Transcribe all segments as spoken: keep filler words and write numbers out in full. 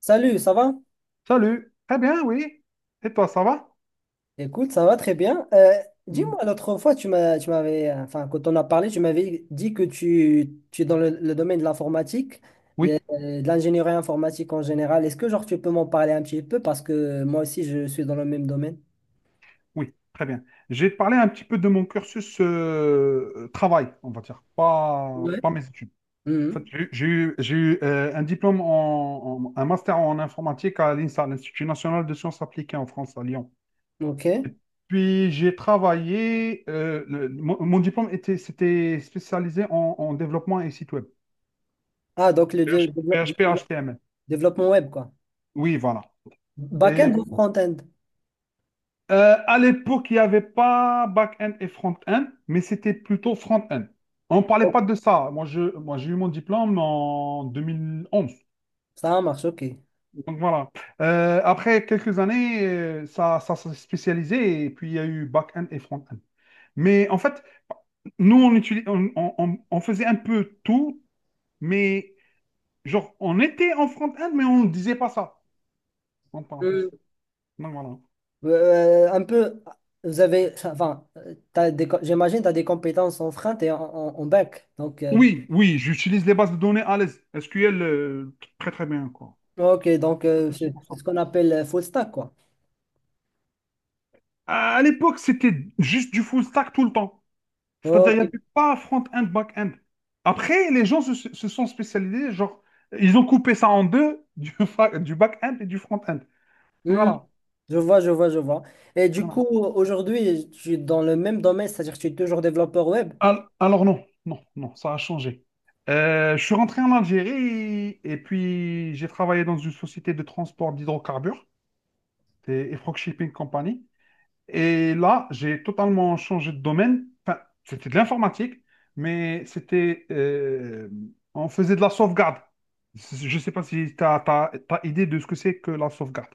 Salut, ça va? Salut. Très bien, oui. Et toi, ça va? Écoute, ça va très bien. Euh, Mm. dis-moi, l'autre fois, tu m'as, tu m'avais, euh, enfin, quand on a parlé, tu m'avais dit que tu, tu es dans le, le domaine de l'informatique, euh, Oui, de l'ingénierie informatique en général. Est-ce que, genre, tu peux m'en parler un petit peu? Parce que moi aussi, je suis dans le même domaine. oui, très bien. J'ai parlé un petit peu de mon cursus euh, travail, on va dire, pas, Ouais. pas mes études. En fait, Mhm. j'ai eu, j'ai eu- j'ai eu, euh, un diplôme en, en- un master en informatique à l'INSA, l'Institut national de sciences appliquées en France, à Lyon. OK. Puis j'ai travaillé, euh, le- mon, mon diplôme était, c'était spécialisé en, en développement et site web. Ah, donc le dé- PH- dé- dé- P H P, H T M L. développement web, quoi. Oui, voilà. Back-end Et ou front-end? Euh, à l'époque, il n'y avait pas back-end et front-end, mais c'était plutôt front-end. On ne parlait pas de ça. Moi, je, moi, j'ai eu mon diplôme en deux mille onze. Ça marche, OK. Donc voilà. Euh, après quelques années, euh, ça, ça s'est spécialisé et puis il y a eu back-end et front-end. Mais en fait, nous, on, utilis- on, on- on- on faisait un peu tout, mais genre, on était en front-end, mais on ne disait pas ça. En parenthèse. Donc voilà. Euh, un peu, vous avez, enfin, euh, t'as des, co- j'imagine tu as des compétences en front et en, en, en back. Donc, euh, Oui, oui, j'utilise les bases de données à l'aise. sequel, euh, très très bien, quoi. ok, donc Pas de euh, souci c'est pour ça. c'est ce qu'on appelle euh, full stack, quoi. À l'époque, c'était juste du full stack tout le temps. C'est-à-dire, il Ok, n'y avait pas front-end, back-end. Après, les gens se, se sont spécialisés, genre, ils ont coupé ça en deux, du, fa- du back-end et du front-end. Hmm, Voilà. je vois, je vois, je vois. Et du Voilà. coup, aujourd'hui, je suis dans le même domaine, c'est-à-dire que je suis toujours développeur web, Al- Alors, non, non, non, ça a changé. Euh, je suis rentré en Algérie et puis j'ai travaillé dans une société de transport d'hydrocarbures, c'est Efrog Shipping Company. Et là, j'ai totalement changé de domaine. Enfin, c'était de l'informatique, mais c'était... euh, on faisait de la sauvegarde. Je ne sais pas si tu as idée de ce que c'est que la sauvegarde.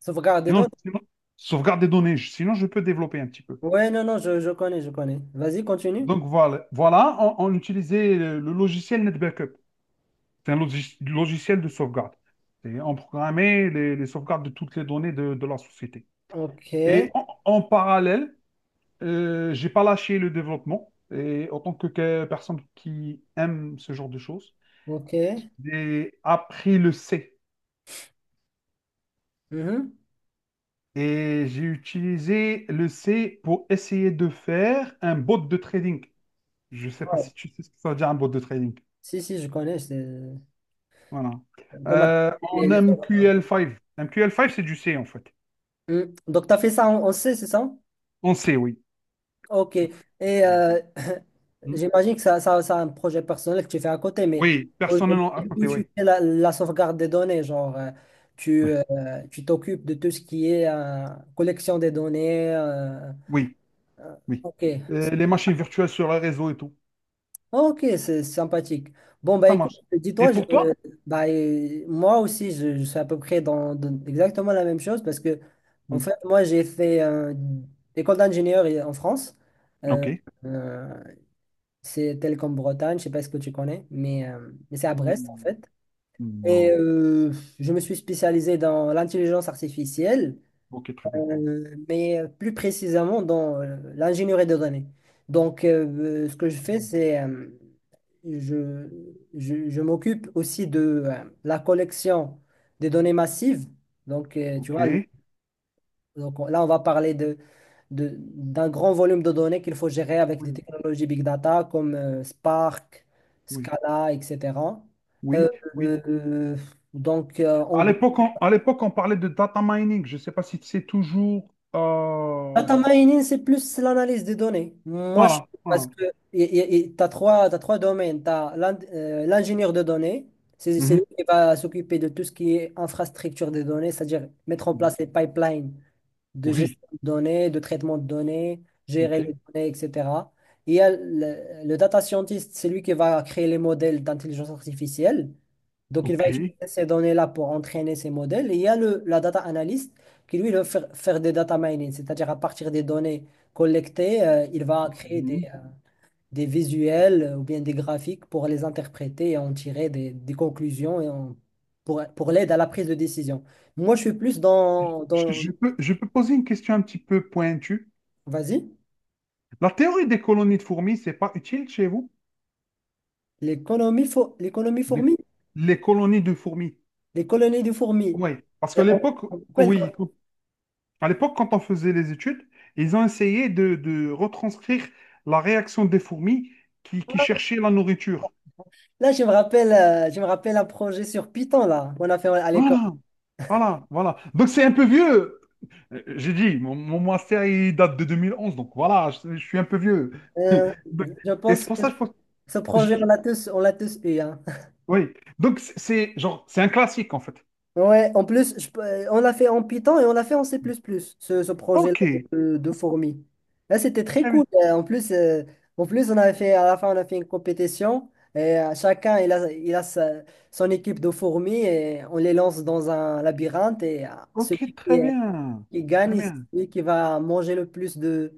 sauvegarde des Sinon, données. sinon, sauvegarde des données. Je- Sinon, je peux développer un petit peu. Ouais, non, non, je, je connais, je connais. Vas-y, continue. Donc, voilà, voilà, on, on utilisait le, le logiciel NetBackup. C'est un logis- logiciel de sauvegarde. Et on programmait les, les sauvegardes de toutes les données de, de la société. Ok, Et en en parallèle, Euh, j'ai pas lâché le développement et en tant que, que personne qui aime ce genre de choses, ok. j'ai appris le C Mhm. et j'ai utilisé le C pour essayer de faire un bot de trading. Je sais pas Wow. si tu sais ce que ça veut dire un bot de trading. Si, si, je connais. C'est euh, Voilà. Euh, automatique. En M Q L cinq. M Q L cinq, c'est du C en fait. Hmm. Donc, tu as fait ça en, en C, c'est ça? En C, oui. Ok. Ouais. Et euh, Hmm. j'imagine que ça, ça, ça a un projet personnel que tu fais à côté, mais Oui, aujourd'hui, personnellement à où côté, tu oui. fais la, la sauvegarde des données, genre, euh, tu, Oui, euh, tu t'occupes de tout ce qui est euh, collection des données. euh, oui, oui. ok. Euh, les machines virtuelles sur le réseau et tout. Ok, c'est sympathique. Bon, bah Ça écoute, marche. Et dis-toi, je- pour euh, toi? bah, euh, moi aussi, je, je suis à peu près dans, dans exactement la même chose parce que, en Hmm. fait, moi, j'ai fait euh, école d'ingénieur en France. Euh, Ok. euh, C'est tel comme Bretagne, je sais pas ce que tu connais, mais, euh, mais c'est à Brest en Hmm, fait. Et non. euh, je me suis spécialisé dans l'intelligence artificielle, Ok, très bien. euh, mais plus précisément dans euh, l'ingénierie de données. Donc, euh, euh, ce que je Très fais, bien. c'est euh, je, je, je m'occupe aussi de euh, la collection des données massives. Donc, euh, tu vois, Ok. donc on- là, on va parler de, de- d'un grand volume de données qu'il faut gérer avec des Oui, technologies big data comme euh, Spark, oui, Scala, et cetera. Euh, oui, oui. euh, euh, donc, euh, en À gros, l'époque, on, à l'époque, on parlait de data mining. Je ne sais pas si c'est toujours. euh, data mining, c'est plus l'analyse des données. Moi, je Voilà, parce voilà. que tu as trois, t'as trois domaines. Tu as l'ingénieur de données, c'est c'est Mhm. lui qui va s'occuper de tout ce qui est infrastructure des données, c'est-à-dire mettre en Mhm. place les pipelines de Oui, gestion de données, de traitement de données, ok, gérer les données, et cetera. Il y a le, le data scientist, c'est lui qui va créer les modèles d'intelligence artificielle. Donc, il ok. va utiliser ces données-là pour entraîner ces modèles. Et il y a le, la data analyst qui, lui, va faire, faire des data mining, c'est-à-dire à partir des données collectées, euh, il va créer des, Mhm. euh, des visuels euh, ou bien des graphiques pour les interpréter et en tirer des, des conclusions et en- pour, pour l'aide à la prise de décision. Moi, je suis plus dans Je, dans je peux, je peux poser une question un petit peu pointue. Vas-y. La théorie des colonies de fourmis, c'est pas utile chez vous? L'économie fo- l'économie Les, fourmi, les colonies de fourmis. les colonies de fourmis. Oui, parce Euh, qu'à l'époque, Quoi, oui, à l'époque, quand on faisait les études, ils ont essayé de, de retranscrire la réaction des fourmis qui, qui cherchaient la nourriture. Là, je me rappelle, euh, je me rappelle un projet sur Python là qu'on a fait à l'école. Voilà, voilà, voilà. Donc c'est un peu vieux. Euh, J'ai dit, mon, mon master, il date de deux mille onze, donc voilà, je, je suis un peu vieux. Euh, Donc, je et c'est pense pour que ça que je pense... ce projet, on je- l'a tous, on l'a tous eu, hein. oui, donc c'est c'est genre, c'est un classique en fait. Ouais, en plus, je peux- euh, on l'a fait en Python et on l'a fait en C++, plus plus, ce, ce Ok, projet-là très de, de fourmi. Là, c'était très cool. bien. Euh, En plus, euh, en plus, on avait fait, à la fin, on a fait une compétition et euh, chacun, il a, il a sa- son équipe de fourmis et on les lance dans un labyrinthe et euh, Ok, celui très qui, euh, bien. qui Très gagne, c'est bien. celui qui va manger le plus de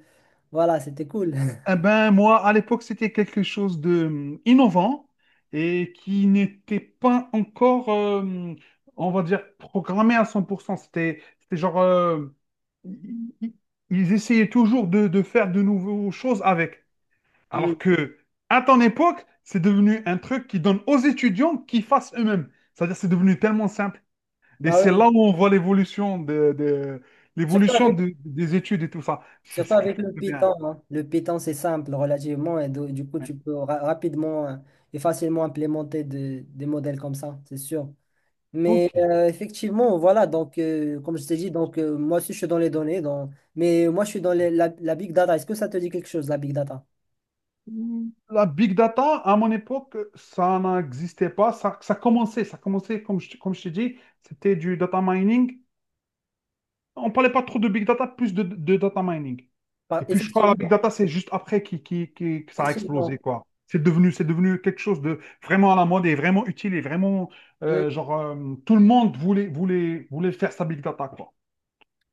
Voilà, c'était cool. Eh ben, moi, à l'époque, c'était quelque chose de hum, innovant et qui n'était pas encore, euh, on va dire, programmé à cent. pour cent. C'était, c'était genre, euh, i- ils essayaient toujours de, de faire de nouvelles choses avec. Alors Mm. que, à ton époque, c'est devenu un truc qui donne aux étudiants qu'ils fassent eux-mêmes. C'est-à-dire, c'est devenu tellement simple. Et Bah c'est oui. là où on voit l'évolution de, de- Surtout l'évolution avec de- des études et tout ça. C'est Surtout c'est quelque avec chose le de bien. Python, hein. Le Python, c'est simple relativement et do- du coup, tu peux ra- rapidement euh, et facilement implémenter de- des modèles comme ça, c'est sûr. Ok. Mais euh, effectivement, voilà, donc euh, comme je t'ai dit, donc euh, moi aussi je suis dans les données, dans mais moi je suis dans les- la, la big data. Est-ce que ça te dit quelque chose, la big data? Mm, La big data, à mon époque, ça n'existait pas. Ça, ça commençait, ça commençait, comme je, comme je t'ai dit, c'était du data mining. On ne parlait pas trop de big data, plus de, de data mining. Par- Et puis, je crois que la big Effectivement, data, c'est juste après qui, qui, qui- que ça a explosé, effectivement. quoi. C'est devenu, c'est devenu quelque chose de vraiment à la mode et vraiment utile et vraiment, Hmm. euh, genre, euh, tout le monde voulait, voulait, voulait faire sa big data, quoi.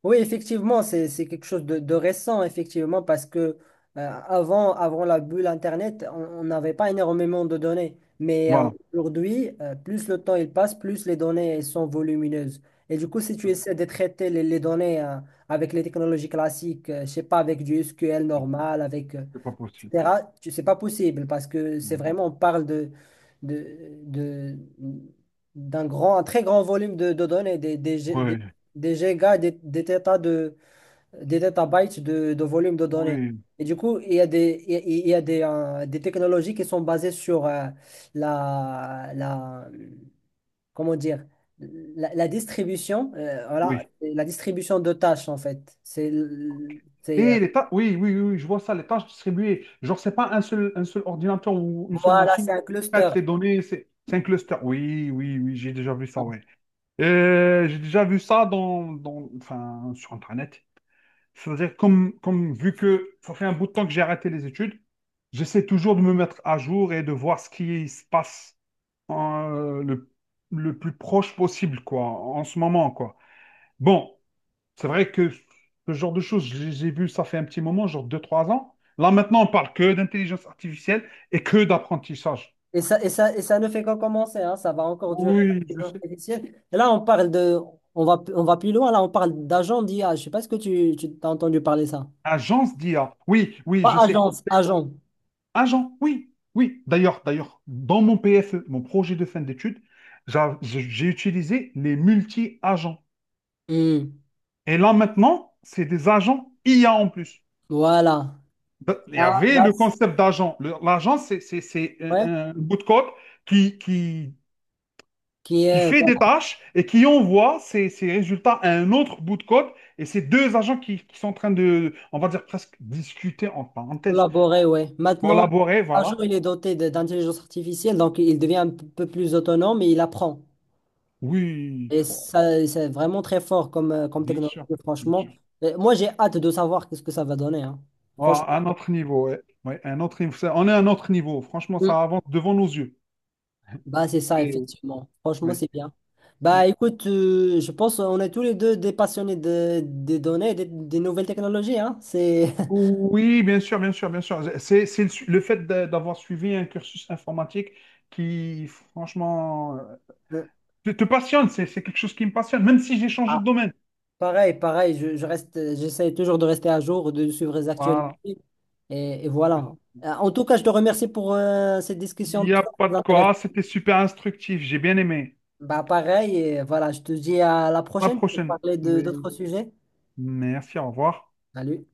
Oui, effectivement, c'est, c'est quelque chose de, de récent, effectivement, parce que euh, avant, avant la bulle Internet, on on n'avait pas énormément de données. Mais euh, Voilà. aujourd'hui, euh, plus le temps il passe, plus les données elles sont volumineuses. Et du coup, si tu essaies de traiter les, les données euh, avec les technologies classiques, euh, je sais pas, avec du S Q L normal, avec, euh, C'est pas possible. et cetera, tu- c'est pas possible parce que c'est vraiment, on parle de, de, de- d'un grand, un très grand volume de, de données, des, des, Oui, des gigas, des, des tétas de, des tétabytes de, de volume de données. oui, Et du coup, il y a des, il y a il y a des, euh, des technologies qui sont basées sur euh, la, la, comment dire, la, la distribution, euh, voilà, oui. la distribution de tâches en fait. C'est, l- c'est, euh, Et les tâches, oui, oui, oui, oui, je vois ça, les tâches distribuées. Genre, c'est pas un seul, un seul ordinateur ou une seule voilà, c'est machine un qui cluster. traite les données, c'est c'est un cluster. Oui, oui, oui, j'ai déjà vu ça, ouais. Euh, j'ai déjà vu ça dans, dans, enfin, sur Internet. C'est-à-dire, comme, comme vu que ça fait un bout de temps que j'ai arrêté les études, j'essaie toujours de me mettre à jour et de voir ce qui se passe euh, le, le plus proche possible, quoi, en ce moment, quoi. Bon, c'est vrai que ce genre de choses, j'ai les ai ça fait un petit moment, genre deux trois ans. Là, maintenant, on parle que d'intelligence artificielle et que d'apprentissage. Et ça, et ça, et ça ne fait qu'en commencer, hein, ça va encore durer. Oui, je L'intelligence sais. artificielle. Et là, on parle de, on va, on va plus loin, là, on parle d'agents d'I A. Je sais pas ce que tu, tu t'as entendu parler ça. Agence d'I A. Oui, oui, je Pas sais. agence, agent. Agent, oui, oui. D'ailleurs, d'ailleurs, dans mon P F E, mon projet de fin d'études, j'a- j'ai j'ai utilisé les multi-agents. Hmm, Et là, maintenant, c'est des agents I A en plus. Voilà. Ben, il y Là, avait là, le c- concept d'agent. Le- L'agent, c'est c'est- c'est ouais, un, un bout de code qui, qui qui qui est fait voilà, des tâches et qui envoie ces, ces résultats à un autre bout de code. Et ces deux agents qui, qui sont en train de, on va dire presque discuter, en parenthèse, collaboré, ouais. Maintenant, collaborer, agent, voilà. il est doté de- d'intelligence artificielle, donc il devient un p- peu plus autonome et il apprend. Oui, Et bon, ça, c'est vraiment très fort comme, euh, comme bien technologie, sûr, bien sûr. franchement. Euh, Moi, j'ai hâte de savoir qu'est-ce que ça va donner, hein. Oh, Franchement, un autre niveau, ouais. Ouais, un autre niveau. Ça- On est à un autre niveau. Franchement, Hmm. ça avance devant nos yeux. Bah, c'est ça, Et- effectivement. Franchement, ouais. c'est bien. Bah, écoute, euh, je pense qu'on est tous les deux des passionnés de, des données, et des, des nouvelles technologies, hein. C'est Oui, bien sûr, bien sûr, bien sûr. C'est, c'est le, su- le fait d'a- d'avoir suivi un cursus informatique qui, franchement, euh, te, te passionne. C'est c'est quelque chose qui me passionne, même si j'ai changé de domaine. Pareil, pareil, je, je reste, j'essaie toujours de rester à jour, de suivre les Voilà. actualités, et, et voilà. Euh, En tout cas, je te remercie pour euh, cette Il discussion n'y a très pas très de quoi. intéressante. C'était super instructif. J'ai bien aimé. Bah, pareil, et voilà, je te dis à la À la prochaine pour prochaine. parler de d'autres Oui. sujets. Merci, au revoir. Salut.